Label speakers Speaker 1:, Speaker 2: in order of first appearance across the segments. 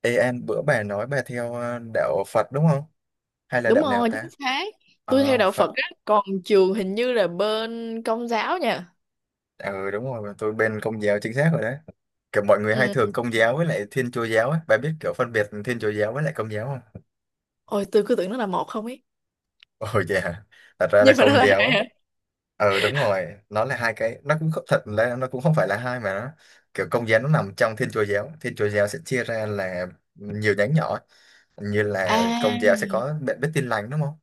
Speaker 1: Ê An, bữa bà nói bà theo đạo Phật đúng không? Hay là
Speaker 2: Đúng
Speaker 1: đạo nào
Speaker 2: rồi,
Speaker 1: ta?
Speaker 2: chính xác. Tôi theo
Speaker 1: Ờ,
Speaker 2: đạo Phật
Speaker 1: Phật.
Speaker 2: á, còn trường hình như là bên Công giáo nha.
Speaker 1: Ừ đúng rồi, tôi bên Công giáo chính xác rồi đấy. Kiểu mọi người hay
Speaker 2: Ừ.
Speaker 1: thường Công giáo với lại Thiên Chúa giáo ấy. Bà biết kiểu phân biệt Thiên Chúa giáo với lại Công giáo không?
Speaker 2: Ôi, tôi cứ tưởng nó là một không ấy,
Speaker 1: Ồ dạ, thật ra là
Speaker 2: nhưng mà nó
Speaker 1: Công
Speaker 2: là hai
Speaker 1: giáo.
Speaker 2: hả?
Speaker 1: Ừ đúng rồi, nó là hai cái, nó cũng không, thật là nó cũng không phải là hai mà nó kiểu Công giáo nó nằm trong Thiên Chúa giáo. Thiên Chúa giáo sẽ chia ra là nhiều nhánh nhỏ, ấy. Như là Công giáo sẽ
Speaker 2: À,
Speaker 1: có. Bạn biết Tin lành đúng không?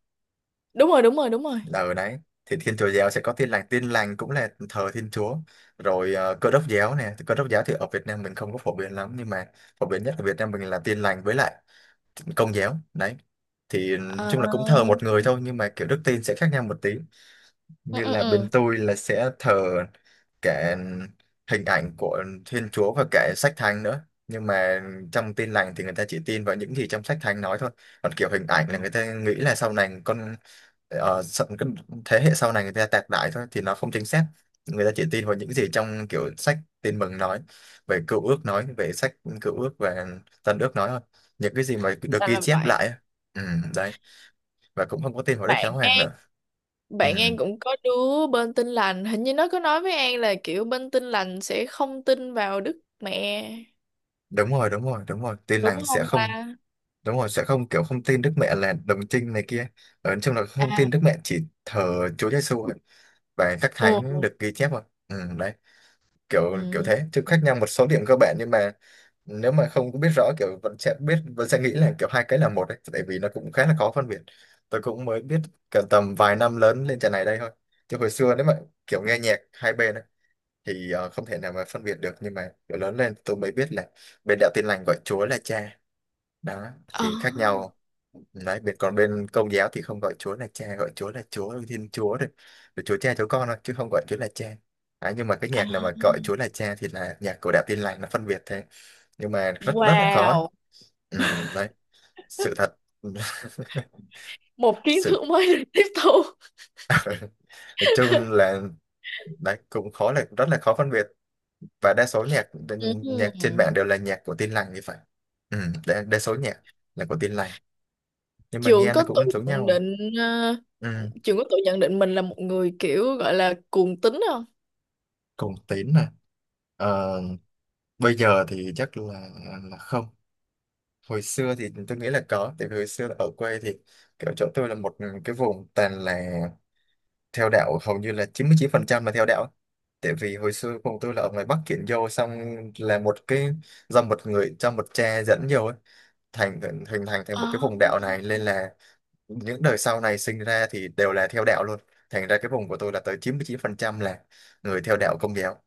Speaker 2: đúng rồi, đúng rồi, đúng rồi.
Speaker 1: Ở đấy. Thì Thiên Chúa giáo sẽ có Tin lành. Tin lành cũng là thờ Thiên Chúa, rồi Cơ đốc giáo nè. Cơ đốc giáo thì ở Việt Nam mình không có phổ biến lắm, nhưng mà phổ biến nhất ở Việt Nam mình là Tin lành với lại Công giáo đấy. Thì nói
Speaker 2: Ờ,
Speaker 1: chung là cũng thờ một người thôi, nhưng mà kiểu đức tin sẽ khác nhau một tí.
Speaker 2: ừ,
Speaker 1: Như
Speaker 2: ừ,
Speaker 1: là bên
Speaker 2: ừ.
Speaker 1: tôi là sẽ thờ cả hình ảnh của Thiên Chúa và cả sách thánh nữa, nhưng mà trong tin lành thì người ta chỉ tin vào những gì trong sách thánh nói thôi. Còn kiểu hình ảnh là người ta nghĩ là sau này cái thế hệ sau này người ta tạc đại thôi thì nó không chính xác. Người ta chỉ tin vào những gì trong kiểu sách tin mừng nói về sách cựu ước và tân ước nói thôi, những cái gì mà được
Speaker 2: là
Speaker 1: ghi
Speaker 2: là
Speaker 1: chép lại
Speaker 2: vậy.
Speaker 1: á. Ừ, đấy, và cũng không có tin vào Đức
Speaker 2: bạn
Speaker 1: Giáo Hoàng
Speaker 2: An
Speaker 1: nữa. Ừ.
Speaker 2: bạn An cũng có đứa bên Tin lành, hình như nó có nói với An là kiểu bên Tin lành sẽ không tin vào Đức Mẹ,
Speaker 1: Đúng rồi, đúng rồi, đúng rồi, tin
Speaker 2: đúng
Speaker 1: lành sẽ
Speaker 2: không
Speaker 1: không.
Speaker 2: ta?
Speaker 1: Đúng rồi, sẽ không kiểu không tin Đức Mẹ là đồng trinh này kia, ở trong là không
Speaker 2: À,
Speaker 1: tin Đức Mẹ, chỉ thờ Chúa Giêsu thôi. Và các
Speaker 2: ừ, ừ,
Speaker 1: thánh được ghi chép rồi. Ừ, đấy, kiểu kiểu
Speaker 2: ừ.
Speaker 1: thế, chứ khác nhau một số điểm cơ bản, nhưng mà nếu mà không có biết rõ kiểu vẫn sẽ nghĩ là kiểu hai cái là một đấy, tại vì nó cũng khá là khó phân biệt. Tôi cũng mới biết cả tầm vài năm lớn lên trận này đây thôi, chứ hồi xưa nếu mà kiểu nghe nhạc hai bên ấy, thì không thể nào mà phân biệt được. Nhưng mà kiểu lớn lên tôi mới biết là bên đạo tin lành gọi Chúa là cha. Đó
Speaker 2: Ờ.
Speaker 1: thì khác nhau đấy. Bên còn bên công giáo thì không gọi Chúa là cha, gọi Chúa là Chúa Thiên Chúa thôi, rồi Chúa cha Chúa con thôi, chứ không gọi Chúa là cha. Đấy, nhưng mà cái
Speaker 2: À.
Speaker 1: nhạc nào mà gọi Chúa là cha thì là nhạc của đạo Tin lành, nó phân biệt thế, nhưng mà rất rất là khó ấy.
Speaker 2: Wow,
Speaker 1: Ừ, đấy, sự thật.
Speaker 2: một kiến
Speaker 1: sự
Speaker 2: thức mới được tiếp thu.
Speaker 1: nói chung là đấy cũng khó, là rất là khó phân biệt. Và đa số nhạc nhạc trên
Speaker 2: Ừm.
Speaker 1: mạng đều là nhạc của Tin lành thì phải. Ừ, đa số nhạc là của Tin lành, nhưng mà
Speaker 2: Trường
Speaker 1: nghe nó
Speaker 2: có tự
Speaker 1: cũng giống
Speaker 2: nhận
Speaker 1: nhau.
Speaker 2: định ờ,
Speaker 1: Ừ.
Speaker 2: Trường có tự nhận định mình là một người kiểu gọi là cuồng tín không?
Speaker 1: Cùng tín này. Ờ, bây giờ thì chắc là không. Hồi xưa thì tôi nghĩ là có, tại vì hồi xưa là ở quê thì kiểu chỗ tôi là một cái vùng toàn là theo đạo, hầu như là chín chín mươi chín phần trăm là theo đạo. Tại vì hồi xưa vùng tôi là ở ngoài Bắc chuyển vô, xong là một cái do một người cho một cha dẫn vô ấy, thành hình thành thành một
Speaker 2: Ờ.
Speaker 1: cái vùng đạo này, nên là những đời sau này sinh ra thì đều là theo đạo luôn. Thành ra cái vùng của tôi là tới chín chín mươi chín phần trăm là người theo đạo Công giáo.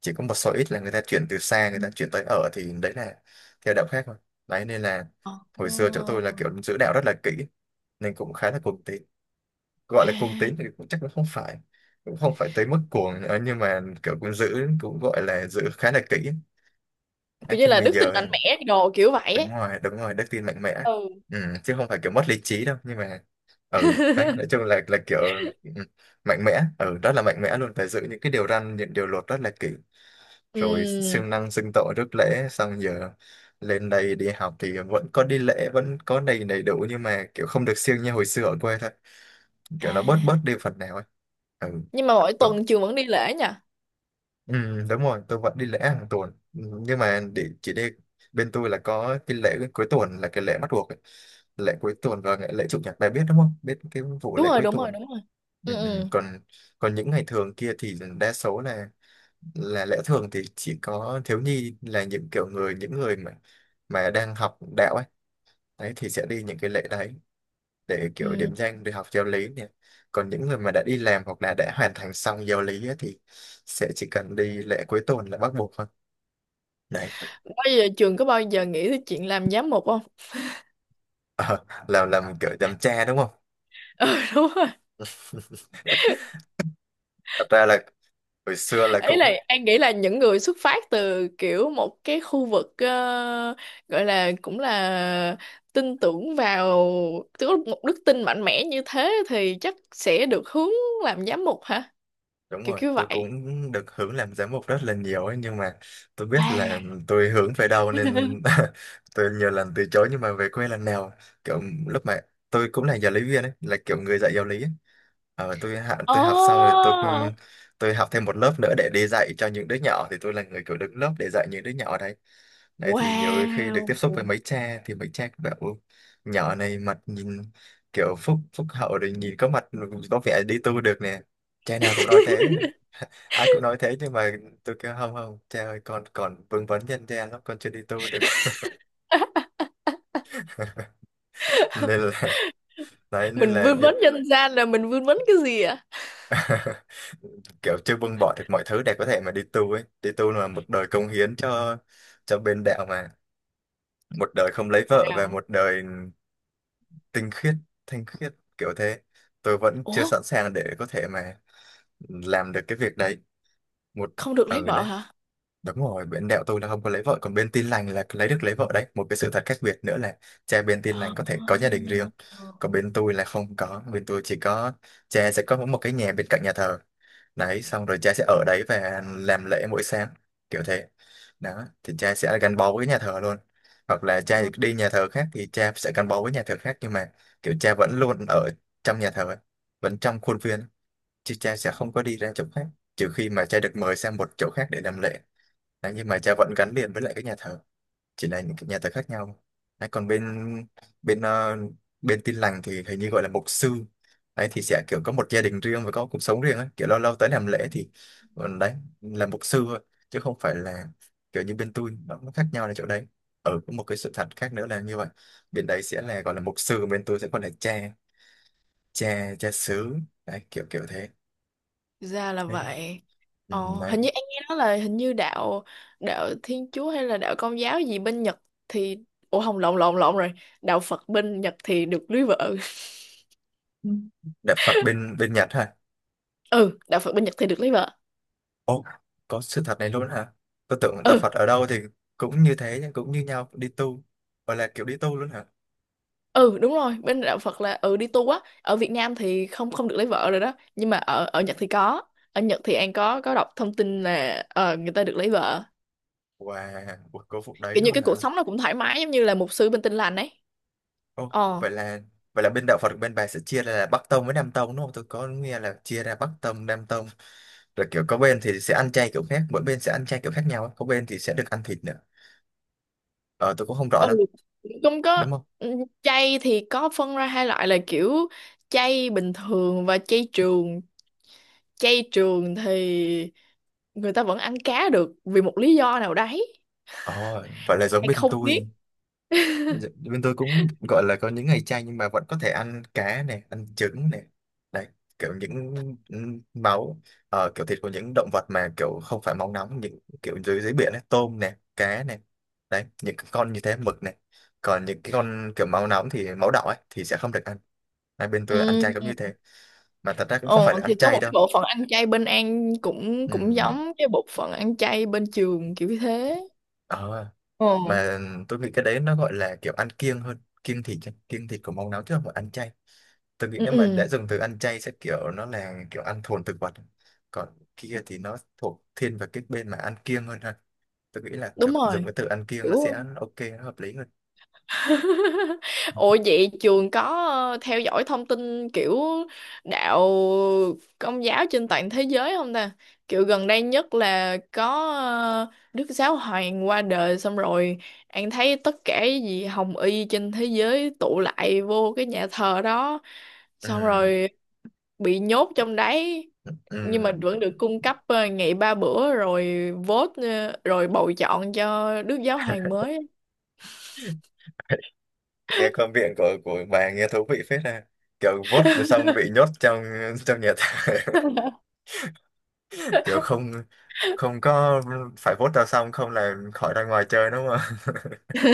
Speaker 1: Chỉ có một số ít là người ta chuyển tới ở, thì đấy là theo đạo khác thôi. Đấy nên là hồi xưa chỗ tôi là
Speaker 2: Ờ.
Speaker 1: kiểu giữ đạo rất là kỹ, nên cũng khá là cuồng tín. Gọi là cuồng
Speaker 2: À,
Speaker 1: tín thì cũng chắc là không phải, cũng không phải tới mức cuồng nữa, nhưng mà kiểu cũng gọi là giữ khá là kỹ. Đấy,
Speaker 2: kiểu như
Speaker 1: nhưng
Speaker 2: là
Speaker 1: mà
Speaker 2: đức tin
Speaker 1: giờ
Speaker 2: mạnh mẽ đồ kiểu vậy
Speaker 1: đúng
Speaker 2: ấy.
Speaker 1: rồi, đúng rồi, đức tin mạnh mẽ.
Speaker 2: Ừ.
Speaker 1: Ừ, chứ không phải kiểu mất lý trí đâu, nhưng mà ừ đấy, nói chung là kiểu ừ, mạnh mẽ, rất là mạnh mẽ luôn, phải giữ những cái điều răn, những điều luật rất là kỹ, rồi
Speaker 2: Ừm.
Speaker 1: siêng năng xưng tội rước lễ. Xong giờ lên đây đi học thì vẫn có đi lễ, vẫn có đầy đầy đủ, nhưng mà kiểu không được siêng như hồi xưa ở quê thôi,
Speaker 2: À.
Speaker 1: kiểu nó bớt bớt đi phần nào ấy. Ừ.
Speaker 2: Nhưng mà mỗi tuần trường vẫn đi lễ nha.
Speaker 1: Ừ, đúng rồi, tôi vẫn đi lễ hàng tuần. Ừ, nhưng mà để chỉ đi, bên tôi là có cái lễ cuối tuần là cái lễ bắt buộc ấy. Lễ cuối tuần và lễ chủ nhật, bà biết đúng không, biết cái vụ
Speaker 2: Đúng
Speaker 1: lễ
Speaker 2: rồi,
Speaker 1: cuối
Speaker 2: đúng rồi,
Speaker 1: tuần.
Speaker 2: đúng rồi.
Speaker 1: Ừ,
Speaker 2: Ừ,
Speaker 1: ừ.
Speaker 2: ừ.
Speaker 1: còn còn những ngày thường kia thì đa số là lễ thường, thì chỉ có thiếu nhi là những kiểu người, những người mà đang học đạo ấy, đấy thì sẽ đi những cái lễ đấy, để kiểu
Speaker 2: Ừ.
Speaker 1: điểm danh, để học giáo lý nè. Còn những người mà đã đi làm hoặc là đã hoàn thành xong giáo lý ấy, thì sẽ chỉ cần đi lễ cuối tuần là bắt buộc thôi. Đấy,
Speaker 2: Bao giờ trường có bao giờ nghĩ tới chuyện làm giám mục không?
Speaker 1: làm kiểu làm cha đúng không?
Speaker 2: Ừ, đúng.
Speaker 1: Thật ra là hồi xưa là
Speaker 2: Ý là
Speaker 1: cũng,
Speaker 2: An nghĩ là những người xuất phát từ kiểu một cái khu vực, gọi là cũng là tin tưởng vào, tức là một đức tin mạnh mẽ như thế thì chắc sẽ được hướng làm giám mục hả,
Speaker 1: đúng
Speaker 2: kiểu
Speaker 1: rồi,
Speaker 2: kiểu
Speaker 1: tôi
Speaker 2: vậy.
Speaker 1: cũng được hưởng làm giám mục rất là nhiều ấy, nhưng mà tôi biết là
Speaker 2: À.
Speaker 1: tôi hướng về đâu nên tôi nhiều lần từ chối, nhưng mà về quê lần nào, kiểu lúc mà tôi cũng là giáo lý viên ấy, là kiểu người dạy giáo lý ấy. Ờ, tôi học xong rồi tôi
Speaker 2: Oh,
Speaker 1: tôi học thêm một lớp nữa để đi dạy cho những đứa nhỏ, thì tôi là người kiểu đứng lớp để dạy những đứa nhỏ đấy. Đấy thì nhiều khi được
Speaker 2: wow.
Speaker 1: tiếp xúc với mấy cha thì mấy cha cũng bảo "Ôi, nhỏ này mặt nhìn kiểu phúc phúc hậu, rồi nhìn có mặt có vẻ đi tu được nè." Cha nào cũng nói thế, ai cũng nói thế, nhưng mà tôi kêu không, không cha ơi, con còn vương vấn nhân gian lắm, con chưa đi tu được. Nên là đấy nên
Speaker 2: Mình
Speaker 1: là
Speaker 2: vươn vấn nhân gian là mình vươn vấn cái gì ạ?
Speaker 1: kiểu chưa buông bỏ được mọi thứ để có thể mà đi tu ấy. Đi tu là một đời cống hiến cho bên đạo mà, một đời không lấy vợ, và
Speaker 2: Wow.
Speaker 1: một đời tinh khiết thanh khiết kiểu thế. Tôi vẫn chưa
Speaker 2: Ủa,
Speaker 1: sẵn sàng để có thể mà làm được cái việc đấy, một
Speaker 2: không được lấy
Speaker 1: ừ,
Speaker 2: vợ
Speaker 1: đấy.
Speaker 2: hả?
Speaker 1: Đúng rồi, bên đẹo tôi là không có lấy vợ, còn bên tin lành là lấy vợ đấy. Một cái sự thật khác biệt nữa là cha bên tin lành có thể có gia đình riêng, còn bên tôi là không có. Bên tôi chỉ có cha sẽ có một cái nhà bên cạnh nhà thờ. Đấy, xong rồi cha sẽ ở đấy và làm lễ mỗi sáng, kiểu thế. Đó, thì cha sẽ gắn bó với nhà thờ luôn. Hoặc là cha
Speaker 2: Ờ.
Speaker 1: đi nhà thờ khác thì cha sẽ gắn bó với nhà thờ khác, nhưng mà kiểu cha vẫn luôn ở trong nhà thờ, vẫn trong khuôn viên, chứ cha sẽ không có đi ra chỗ khác, trừ khi mà cha được mời sang một chỗ khác để làm lễ. Đấy, nhưng mà cha vẫn gắn liền với lại cái nhà thờ, chỉ là những cái nhà thờ khác nhau. Đấy, còn bên bên ờ, bên Tin lành thì hình như gọi là mục sư. Đấy thì sẽ kiểu có một gia đình riêng và có cuộc sống riêng ấy, kiểu lâu lâu tới làm lễ thì đấy là mục sư thôi, chứ không phải là kiểu như bên tôi. Nó khác nhau là chỗ đấy. Có một cái sự thật khác nữa là như vậy, bên đấy sẽ là gọi là mục sư, bên tôi sẽ gọi là cha, cha xứ. Đấy, kiểu kiểu thế.
Speaker 2: Ra là vậy.
Speaker 1: Ừ,
Speaker 2: Ồ,
Speaker 1: đấy.
Speaker 2: hình như anh nghe nói là hình như đạo, đạo Thiên Chúa hay là đạo Công giáo gì bên Nhật thì, ủa không, lộn lộn lộn rồi, đạo Phật bên Nhật thì được lấy vợ.
Speaker 1: Ừ. Đạo Phật bên bên Nhật hả?
Speaker 2: Ừ, đạo Phật bên Nhật thì được lấy vợ.
Speaker 1: Ồ, có sự thật này luôn hả? Tôi tưởng đạo
Speaker 2: Ừ.
Speaker 1: Phật ở đâu thì cũng như thế, nhưng cũng như nhau đi tu. Gọi là kiểu đi tu luôn hả?
Speaker 2: Ừ, đúng rồi, bên đạo Phật là, ừ, đi tu á, ở Việt Nam thì không, không được lấy vợ rồi đó, nhưng mà ở, ở Nhật thì có. Ở Nhật thì anh có đọc thông tin là, người ta được lấy vợ,
Speaker 1: Wow, cuộc cố phục đấy
Speaker 2: kiểu như
Speaker 1: luôn
Speaker 2: cái cuộc
Speaker 1: hả?
Speaker 2: sống nó cũng thoải mái giống như là mục sư bên Tin Lành ấy.
Speaker 1: Ồ,
Speaker 2: Ờ.
Speaker 1: vậy là bên đạo Phật bên bà sẽ chia ra là Bắc tông với Nam tông, đúng không? Tôi có nghe là chia ra Bắc tông, Nam tông, rồi kiểu có bên thì sẽ ăn chay kiểu khác, mỗi bên sẽ ăn chay kiểu khác nhau, có bên thì sẽ được ăn thịt nữa. Ờ tôi cũng không rõ
Speaker 2: Ừ,
Speaker 1: lắm,
Speaker 2: cũng có.
Speaker 1: đúng không?
Speaker 2: Ừ, chay thì có phân ra hai loại là kiểu chay bình thường và chay trường. Chay trường thì người ta vẫn ăn cá được vì một lý do nào đấy,
Speaker 1: Ồ, vậy là giống
Speaker 2: hay
Speaker 1: bên
Speaker 2: không biết.
Speaker 1: tôi. Dạ, bên tôi cũng gọi là có những ngày chay nhưng mà vẫn có thể ăn cá này, ăn trứng này, đấy, kiểu những máu, kiểu thịt của những động vật mà kiểu không phải máu nóng, những kiểu dưới dưới biển ấy, tôm này, cá này, đấy, những cái con như thế, mực này, còn những cái con kiểu máu nóng thì máu đỏ ấy thì sẽ không được ăn. Hai bên tôi ăn chay cũng
Speaker 2: Ừ.
Speaker 1: như thế, mà thật ra cũng không
Speaker 2: Ờ,
Speaker 1: phải là
Speaker 2: thì
Speaker 1: ăn
Speaker 2: có một
Speaker 1: chay
Speaker 2: cái
Speaker 1: đâu.
Speaker 2: bộ phận ăn chay bên An cũng cũng
Speaker 1: Ừm,
Speaker 2: giống cái bộ phận ăn chay bên trường kiểu như thế.
Speaker 1: ờ,
Speaker 2: Ờ.
Speaker 1: mà tôi nghĩ cái đấy nó gọi là kiểu ăn kiêng hơn, kiêng thịt. Kiêng thịt của máu nóng, chứ không phải ăn chay. Tôi nghĩ
Speaker 2: Ừ,
Speaker 1: nếu mà
Speaker 2: ừ,
Speaker 1: đã dùng từ ăn chay sẽ kiểu nó là kiểu ăn thuần thực vật, còn kia thì nó thuộc thiên về cái bên mà ăn kiêng hơn ha. Tôi nghĩ là
Speaker 2: đúng
Speaker 1: thực
Speaker 2: rồi,
Speaker 1: dùng cái từ ăn kiêng
Speaker 2: kiểu.
Speaker 1: nó sẽ ok, nó hợp lý hơn.
Speaker 2: Ủa vậy trường có, theo dõi thông tin kiểu đạo công giáo trên toàn thế giới không ta? Kiểu gần đây nhất là có, Đức Giáo Hoàng qua đời, xong rồi An thấy tất cả cái gì Hồng Y trên thế giới tụ lại vô cái nhà thờ đó, xong
Speaker 1: Ừ,
Speaker 2: rồi bị nhốt trong đấy, nhưng mà
Speaker 1: ừ.
Speaker 2: vẫn được cung cấp, ngày ba bữa, rồi vote, rồi bầu chọn cho Đức Giáo Hoàng mới.
Speaker 1: Nghe quan điểm của bà nghe thú vị phết ha, kiểu vote rồi xong bị nhốt trong trong nhà tù. Kiểu không không có phải vote ra, xong không là khỏi ra ngoài chơi, đúng không?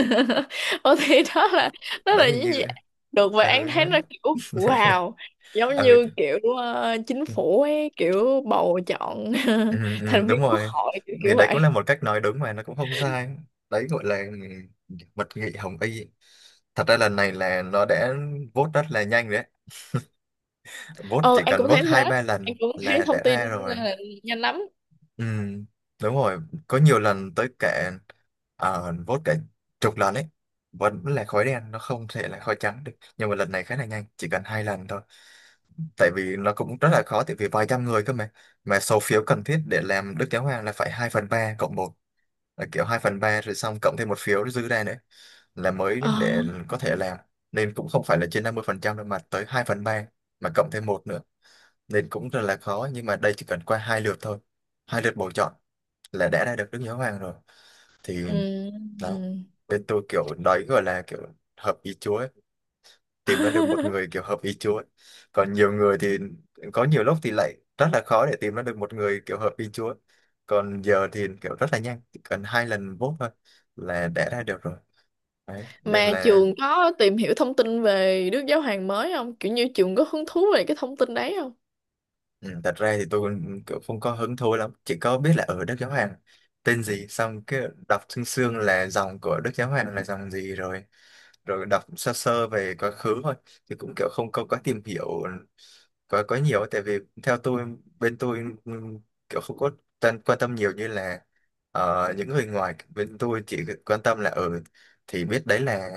Speaker 2: Ờ thì đó là, đó
Speaker 1: Đấy
Speaker 2: là
Speaker 1: hình
Speaker 2: những gì
Speaker 1: như,
Speaker 2: được, và An
Speaker 1: ừ,
Speaker 2: thấy nó kiểu wow, giống
Speaker 1: ừ.
Speaker 2: như kiểu, chính phủ ấy, kiểu bầu chọn
Speaker 1: Ừ, ừ,
Speaker 2: thành
Speaker 1: đúng
Speaker 2: viên quốc
Speaker 1: rồi,
Speaker 2: hội kiểu
Speaker 1: thì
Speaker 2: kiểu
Speaker 1: đấy
Speaker 2: vậy.
Speaker 1: cũng là một cách nói đúng mà nó cũng không sai. Đấy gọi là mật nghị hồng y. Thật ra lần này là nó đã vote rất là nhanh đấy, vote
Speaker 2: Ờ,
Speaker 1: chỉ
Speaker 2: An
Speaker 1: cần
Speaker 2: cũng
Speaker 1: vote
Speaker 2: thấy thế.
Speaker 1: hai ba
Speaker 2: An
Speaker 1: lần
Speaker 2: cũng thấy
Speaker 1: là đã
Speaker 2: thông tin
Speaker 1: ra rồi.
Speaker 2: là nhanh lắm.
Speaker 1: Ừ, đúng rồi, có nhiều lần tới cả vote cả chục lần ấy, vẫn là khói đen, nó không thể là khói trắng được, nhưng mà lần này khá là nhanh, chỉ cần hai lần thôi. Tại vì nó cũng rất là khó, tại vì vài trăm người cơ mà. Mà số phiếu cần thiết để làm Đức Giáo Hoàng là phải 2/3 cộng 1, là kiểu 2/3 rồi xong cộng thêm một phiếu dư ra nữa là mới
Speaker 2: Ờ.
Speaker 1: để có thể làm. Nên cũng không phải là trên 50% đâu mà tới 2/3, mà cộng thêm một nữa, nên cũng rất là khó. Nhưng mà đây chỉ cần qua hai lượt thôi, hai lượt bầu chọn là đã ra được Đức Giáo Hoàng rồi, thì
Speaker 2: Ừ.
Speaker 1: đó.
Speaker 2: Ừ.
Speaker 1: Bên tôi kiểu đấy gọi là kiểu hợp ý Chúa, tìm ra được một người kiểu hợp ý Chúa ấy. Còn nhiều người thì có nhiều lúc thì lại rất là khó để tìm ra được một người kiểu hợp ý Chúa. Còn giờ thì kiểu rất là nhanh, chỉ cần hai lần vote thôi là đã ra được rồi, đấy nên
Speaker 2: Mà
Speaker 1: là
Speaker 2: trường có tìm hiểu thông tin về Đức Giáo Hoàng mới không, kiểu như trường có hứng thú về cái thông tin đấy không?
Speaker 1: ừ, thật ra thì tôi cũng kiểu không có hứng thú lắm, chỉ có biết là ở Đức Giáo Hoàng tên gì, xong cái đọc xương xương là dòng của Đức Giáo Hoàng là dòng gì rồi, rồi đọc sơ sơ về quá khứ thôi, thì cũng kiểu không có quá tìm hiểu quá quá nhiều ấy. Tại vì theo tôi, bên tôi ừm, kiểu không có quan tâm nhiều như là những người ngoài. Bên tôi chỉ quan tâm là ở thì biết đấy là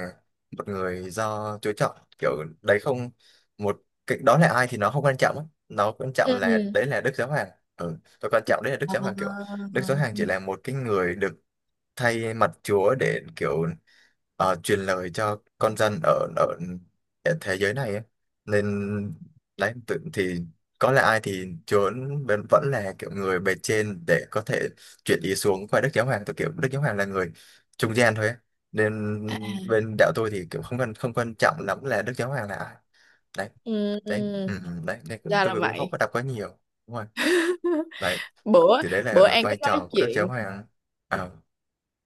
Speaker 1: một người do Chúa chọn, kiểu đấy, không một cái đó là ai thì nó không quan trọng á. Nó quan trọng
Speaker 2: Ừ.
Speaker 1: là
Speaker 2: Ừ.
Speaker 1: đấy là Đức Giáo Hoàng, ừ, và quan trọng đấy là Đức Giáo Hoàng kiểu
Speaker 2: Ờ.
Speaker 1: Đức Giáo Hoàng chỉ là một cái người được thay mặt Chúa để kiểu truyền lời cho con dân ở ở ở thế giới này ấy. Nên đấy tự thì có là ai thì Chúa vẫn vẫn là kiểu người bề trên để có thể chuyển ý xuống qua Đức Giáo Hoàng, tôi kiểu Đức Giáo Hoàng là người trung gian thôi ấy. Nên
Speaker 2: À.
Speaker 1: bên đạo tôi thì kiểu không quan trọng lắm là Đức Giáo Hoàng là ai, đấy.
Speaker 2: Ừ,
Speaker 1: Đấy,
Speaker 2: ừ.
Speaker 1: ừ, ừ, đấy nên
Speaker 2: Ra là
Speaker 1: tôi cũng không
Speaker 2: vậy.
Speaker 1: có đọc quá nhiều, đúng rồi. Đấy
Speaker 2: bữa
Speaker 1: thì đấy
Speaker 2: bữa
Speaker 1: là
Speaker 2: An
Speaker 1: vai
Speaker 2: có nói
Speaker 1: trò của Đức Giáo
Speaker 2: chuyện
Speaker 1: Hoàng à.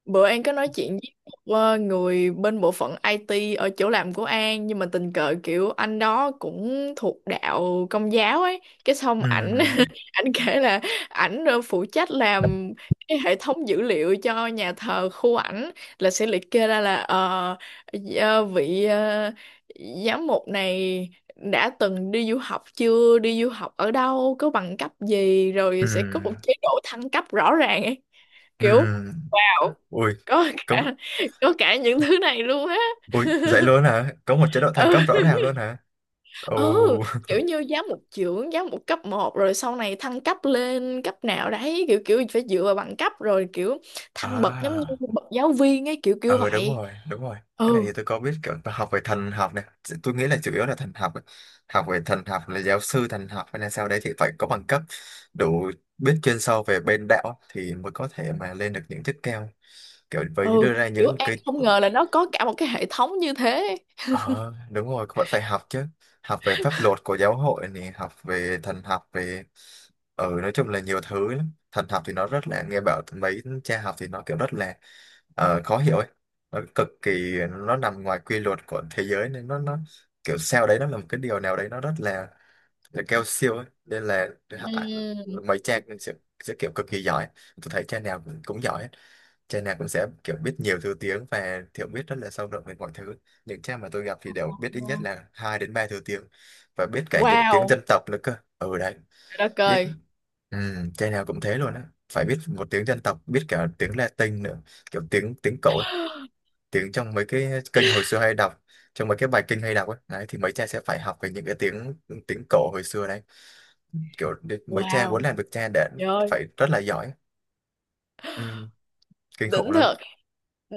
Speaker 2: Bữa An có nói chuyện với một, người bên bộ phận IT ở chỗ làm của An, nhưng mà tình cờ kiểu anh đó cũng thuộc đạo Công giáo ấy, cái xong
Speaker 1: Ừ.
Speaker 2: ảnh ảnh kể là ảnh, phụ trách làm cái hệ thống dữ liệu cho nhà thờ khu ảnh, là sẽ liệt kê ra là vị, giám mục này đã từng đi du học chưa, đi du học ở đâu, có bằng cấp gì,
Speaker 1: Ừ.
Speaker 2: rồi sẽ có một chế độ thăng cấp rõ ràng ấy,
Speaker 1: Ừ.
Speaker 2: kiểu
Speaker 1: Ui,
Speaker 2: có
Speaker 1: có
Speaker 2: cả, có cả những thứ này luôn á.
Speaker 1: ui, dậy luôn hả? Có một chế độ thăng cấp
Speaker 2: Ừ.
Speaker 1: rõ ràng luôn hả? Ồ.
Speaker 2: Ừ, kiểu như giáo một trưởng, giáo một cấp một, rồi sau này thăng cấp lên cấp nào đấy, kiểu kiểu phải dựa vào bằng cấp, rồi kiểu thăng bậc giống như
Speaker 1: À.
Speaker 2: bậc giáo viên ấy, kiểu kiểu
Speaker 1: Ừ, đúng
Speaker 2: vậy.
Speaker 1: rồi, đúng rồi. Cái này
Speaker 2: Ừ.
Speaker 1: thì tôi có biết, kiểu tôi học về thần học này. Tôi nghĩ là chủ yếu là thần học. Học về thần học là giáo sư thần học hay là sao đấy thì phải có bằng cấp đủ, biết chuyên sâu về bên đạo thì mới có thể mà lên được những chức cao. Kiểu với
Speaker 2: Ừ,
Speaker 1: đưa ra
Speaker 2: kiểu
Speaker 1: những
Speaker 2: An
Speaker 1: cái.
Speaker 2: không ngờ là nó có cả một cái hệ thống như thế.
Speaker 1: Ờ, đúng rồi, vẫn phải học chứ. Học về pháp luật của giáo hội này, học về thần học, về. Ừ, nói chung là nhiều thứ lắm. Thần học thì nó rất là, nghe bảo mấy cha học thì nó kiểu rất là khó hiểu ấy. Nó cực kỳ, nó nằm ngoài quy luật của thế giới nên nó kiểu sao đấy, nó là một cái điều nào đấy nó rất là cao siêu ấy. Nên là à,
Speaker 2: Ừm.
Speaker 1: mấy cha sẽ kiểu cực kỳ giỏi. Tôi thấy cha nào cũng giỏi ấy, cha nào cũng sẽ kiểu biết nhiều thứ tiếng và hiểu biết rất là sâu rộng về mọi thứ. Những cha mà tôi gặp thì đều biết ít nhất là hai đến ba thứ tiếng và biết cả những tiếng dân
Speaker 2: Wow,
Speaker 1: tộc nữa cơ. Ừ đấy,
Speaker 2: trời đất
Speaker 1: biết
Speaker 2: ơi.
Speaker 1: ừ, trai nào cũng thế luôn á. Phải biết một tiếng dân tộc, biết cả tiếng Latin nữa, kiểu tiếng tiếng cổ, ấy, tiếng trong mấy cái kênh hồi xưa hay đọc, trong mấy cái bài kinh hay đọc ấy. Đấy thì mấy cha sẽ phải học về những cái tiếng tiếng cổ hồi xưa đấy. Kiểu mấy cha muốn
Speaker 2: Wow,
Speaker 1: làm được cha đã
Speaker 2: trời ơi,
Speaker 1: phải rất là giỏi. Ừ, kinh khủng
Speaker 2: đỉnh
Speaker 1: lắm.
Speaker 2: thật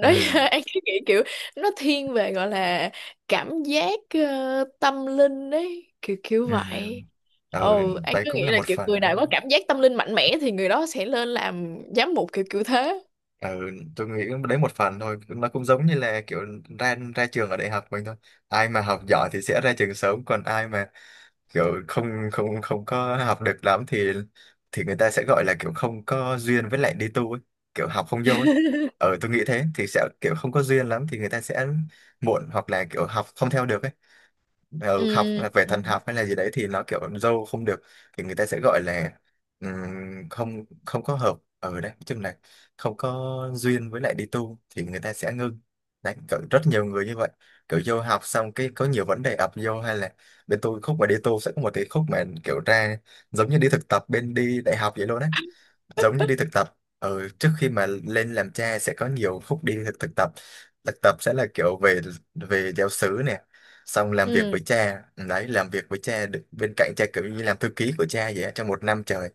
Speaker 1: Ừ.
Speaker 2: Anh cứ nghĩ kiểu nó thiên về gọi là cảm giác, tâm linh đấy, kiểu kiểu
Speaker 1: Ừ.
Speaker 2: vậy.
Speaker 1: Ừ,
Speaker 2: Ồ, anh
Speaker 1: đấy
Speaker 2: cứ
Speaker 1: cũng
Speaker 2: nghĩ
Speaker 1: là
Speaker 2: là
Speaker 1: một
Speaker 2: kiểu
Speaker 1: phần
Speaker 2: người
Speaker 1: đó.
Speaker 2: nào có cảm giác tâm linh mạnh mẽ thì người đó sẽ lên làm giám mục kiểu kiểu thế.
Speaker 1: Ừ, tôi nghĩ đấy một phần thôi, nó cũng giống như là kiểu ra ra trường ở đại học mình thôi. Ai mà học giỏi thì sẽ ra trường sớm, còn ai mà kiểu không không không có học được lắm thì người ta sẽ gọi là kiểu không có duyên với lại đi tu ấy, kiểu học không vô ấy. Ừ, tôi nghĩ thế thì sẽ kiểu không có duyên lắm thì người ta sẽ muộn, hoặc là kiểu học không theo được ấy. Ừ, học
Speaker 2: Ừ,
Speaker 1: về
Speaker 2: ừ,
Speaker 1: thần học hay là gì đấy thì nó kiểu dâu không được thì người ta sẽ gọi là không không có hợp ở đấy, chung là không có duyên với lại đi tu thì người ta sẽ ngưng. Đấy kiểu rất nhiều người như vậy, kiểu vô học xong cái có nhiều vấn đề ập vô hay là bên tôi khúc mà đi tu sẽ có một cái khúc mà kiểu ra giống như đi thực tập bên đi đại học vậy luôn đấy. Giống như đi thực tập, ừ, trước khi mà lên làm cha sẽ có nhiều khúc đi thực tập. Thực tập sẽ là kiểu về về giáo xứ nè, xong làm việc với
Speaker 2: ừ.
Speaker 1: cha đấy, làm việc với cha được bên cạnh cha, kiểu như làm thư ký của cha vậy á, trong một năm trời.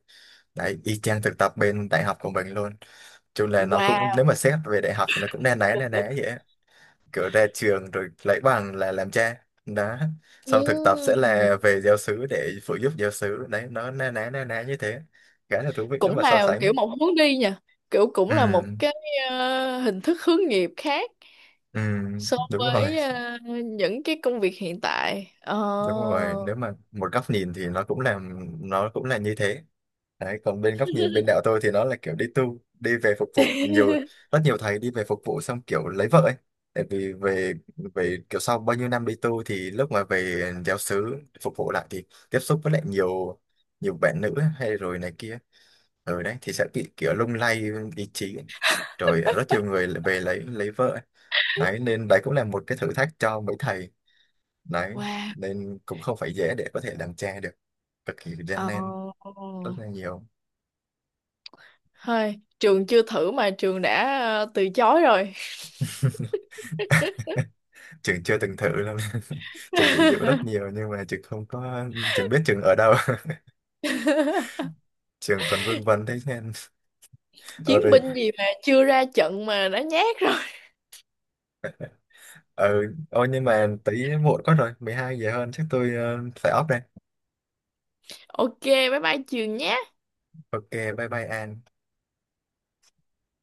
Speaker 1: Đấy y chang thực tập bên đại học của mình luôn, chung là nó cũng,
Speaker 2: Wow.
Speaker 1: nếu mà xét về đại học thì nó cũng na ná vậy á. Kiểu ra trường rồi lấy bằng là làm cha đó, xong thực tập sẽ
Speaker 2: Ừ.
Speaker 1: là về giáo xứ để phụ giúp giáo xứ, đấy nó na ná như thế, khá là thú vị nếu
Speaker 2: Cũng
Speaker 1: mà so
Speaker 2: là kiểu
Speaker 1: sánh.
Speaker 2: một hướng đi nha, kiểu cũng
Speaker 1: Ừ
Speaker 2: là một cái, hình thức hướng nghiệp khác
Speaker 1: ừ,
Speaker 2: so
Speaker 1: đúng rồi,
Speaker 2: với, ờ, những cái công việc hiện tại. Ờ.
Speaker 1: đúng rồi, nếu mà một góc nhìn thì nó cũng là như thế. Đấy còn bên góc nhìn bên đạo tôi thì nó là kiểu đi tu đi về phục vụ nhiều, rất nhiều thầy đi về phục vụ xong kiểu lấy vợ ấy. Tại vì về về kiểu sau bao nhiêu năm đi tu thì lúc mà về giáo xứ phục vụ lại thì tiếp xúc với lại nhiều nhiều bạn nữ hay rồi này kia, ở đấy thì sẽ bị kiểu lung lay ý chí, rồi rất nhiều người lại về lấy vợ. Đấy nên đấy cũng là một cái thử thách cho mấy thầy. Đấy
Speaker 2: Wow.
Speaker 1: nên cũng không phải dễ để có thể làm cha được, cực kỳ
Speaker 2: Ờ.
Speaker 1: gian nan, rất là nhiều.
Speaker 2: Thôi, trường chưa thử mà trường đã, từ chối rồi.
Speaker 1: Trường chưa từng thử lắm. Trường bị dụ rất nhiều nhưng mà trường không có, trường biết trường ở đâu. Trường còn vương vấn thế nên ờ
Speaker 2: Chiến
Speaker 1: rồi,
Speaker 2: binh gì mà chưa ra trận mà đã nhát rồi.
Speaker 1: ờ, ôi nhưng mà tí muộn quá rồi, 12 giờ hơn, chắc tôi phải off đây.
Speaker 2: Ok, bye bye trường nhé.
Speaker 1: Ok, bye bye An.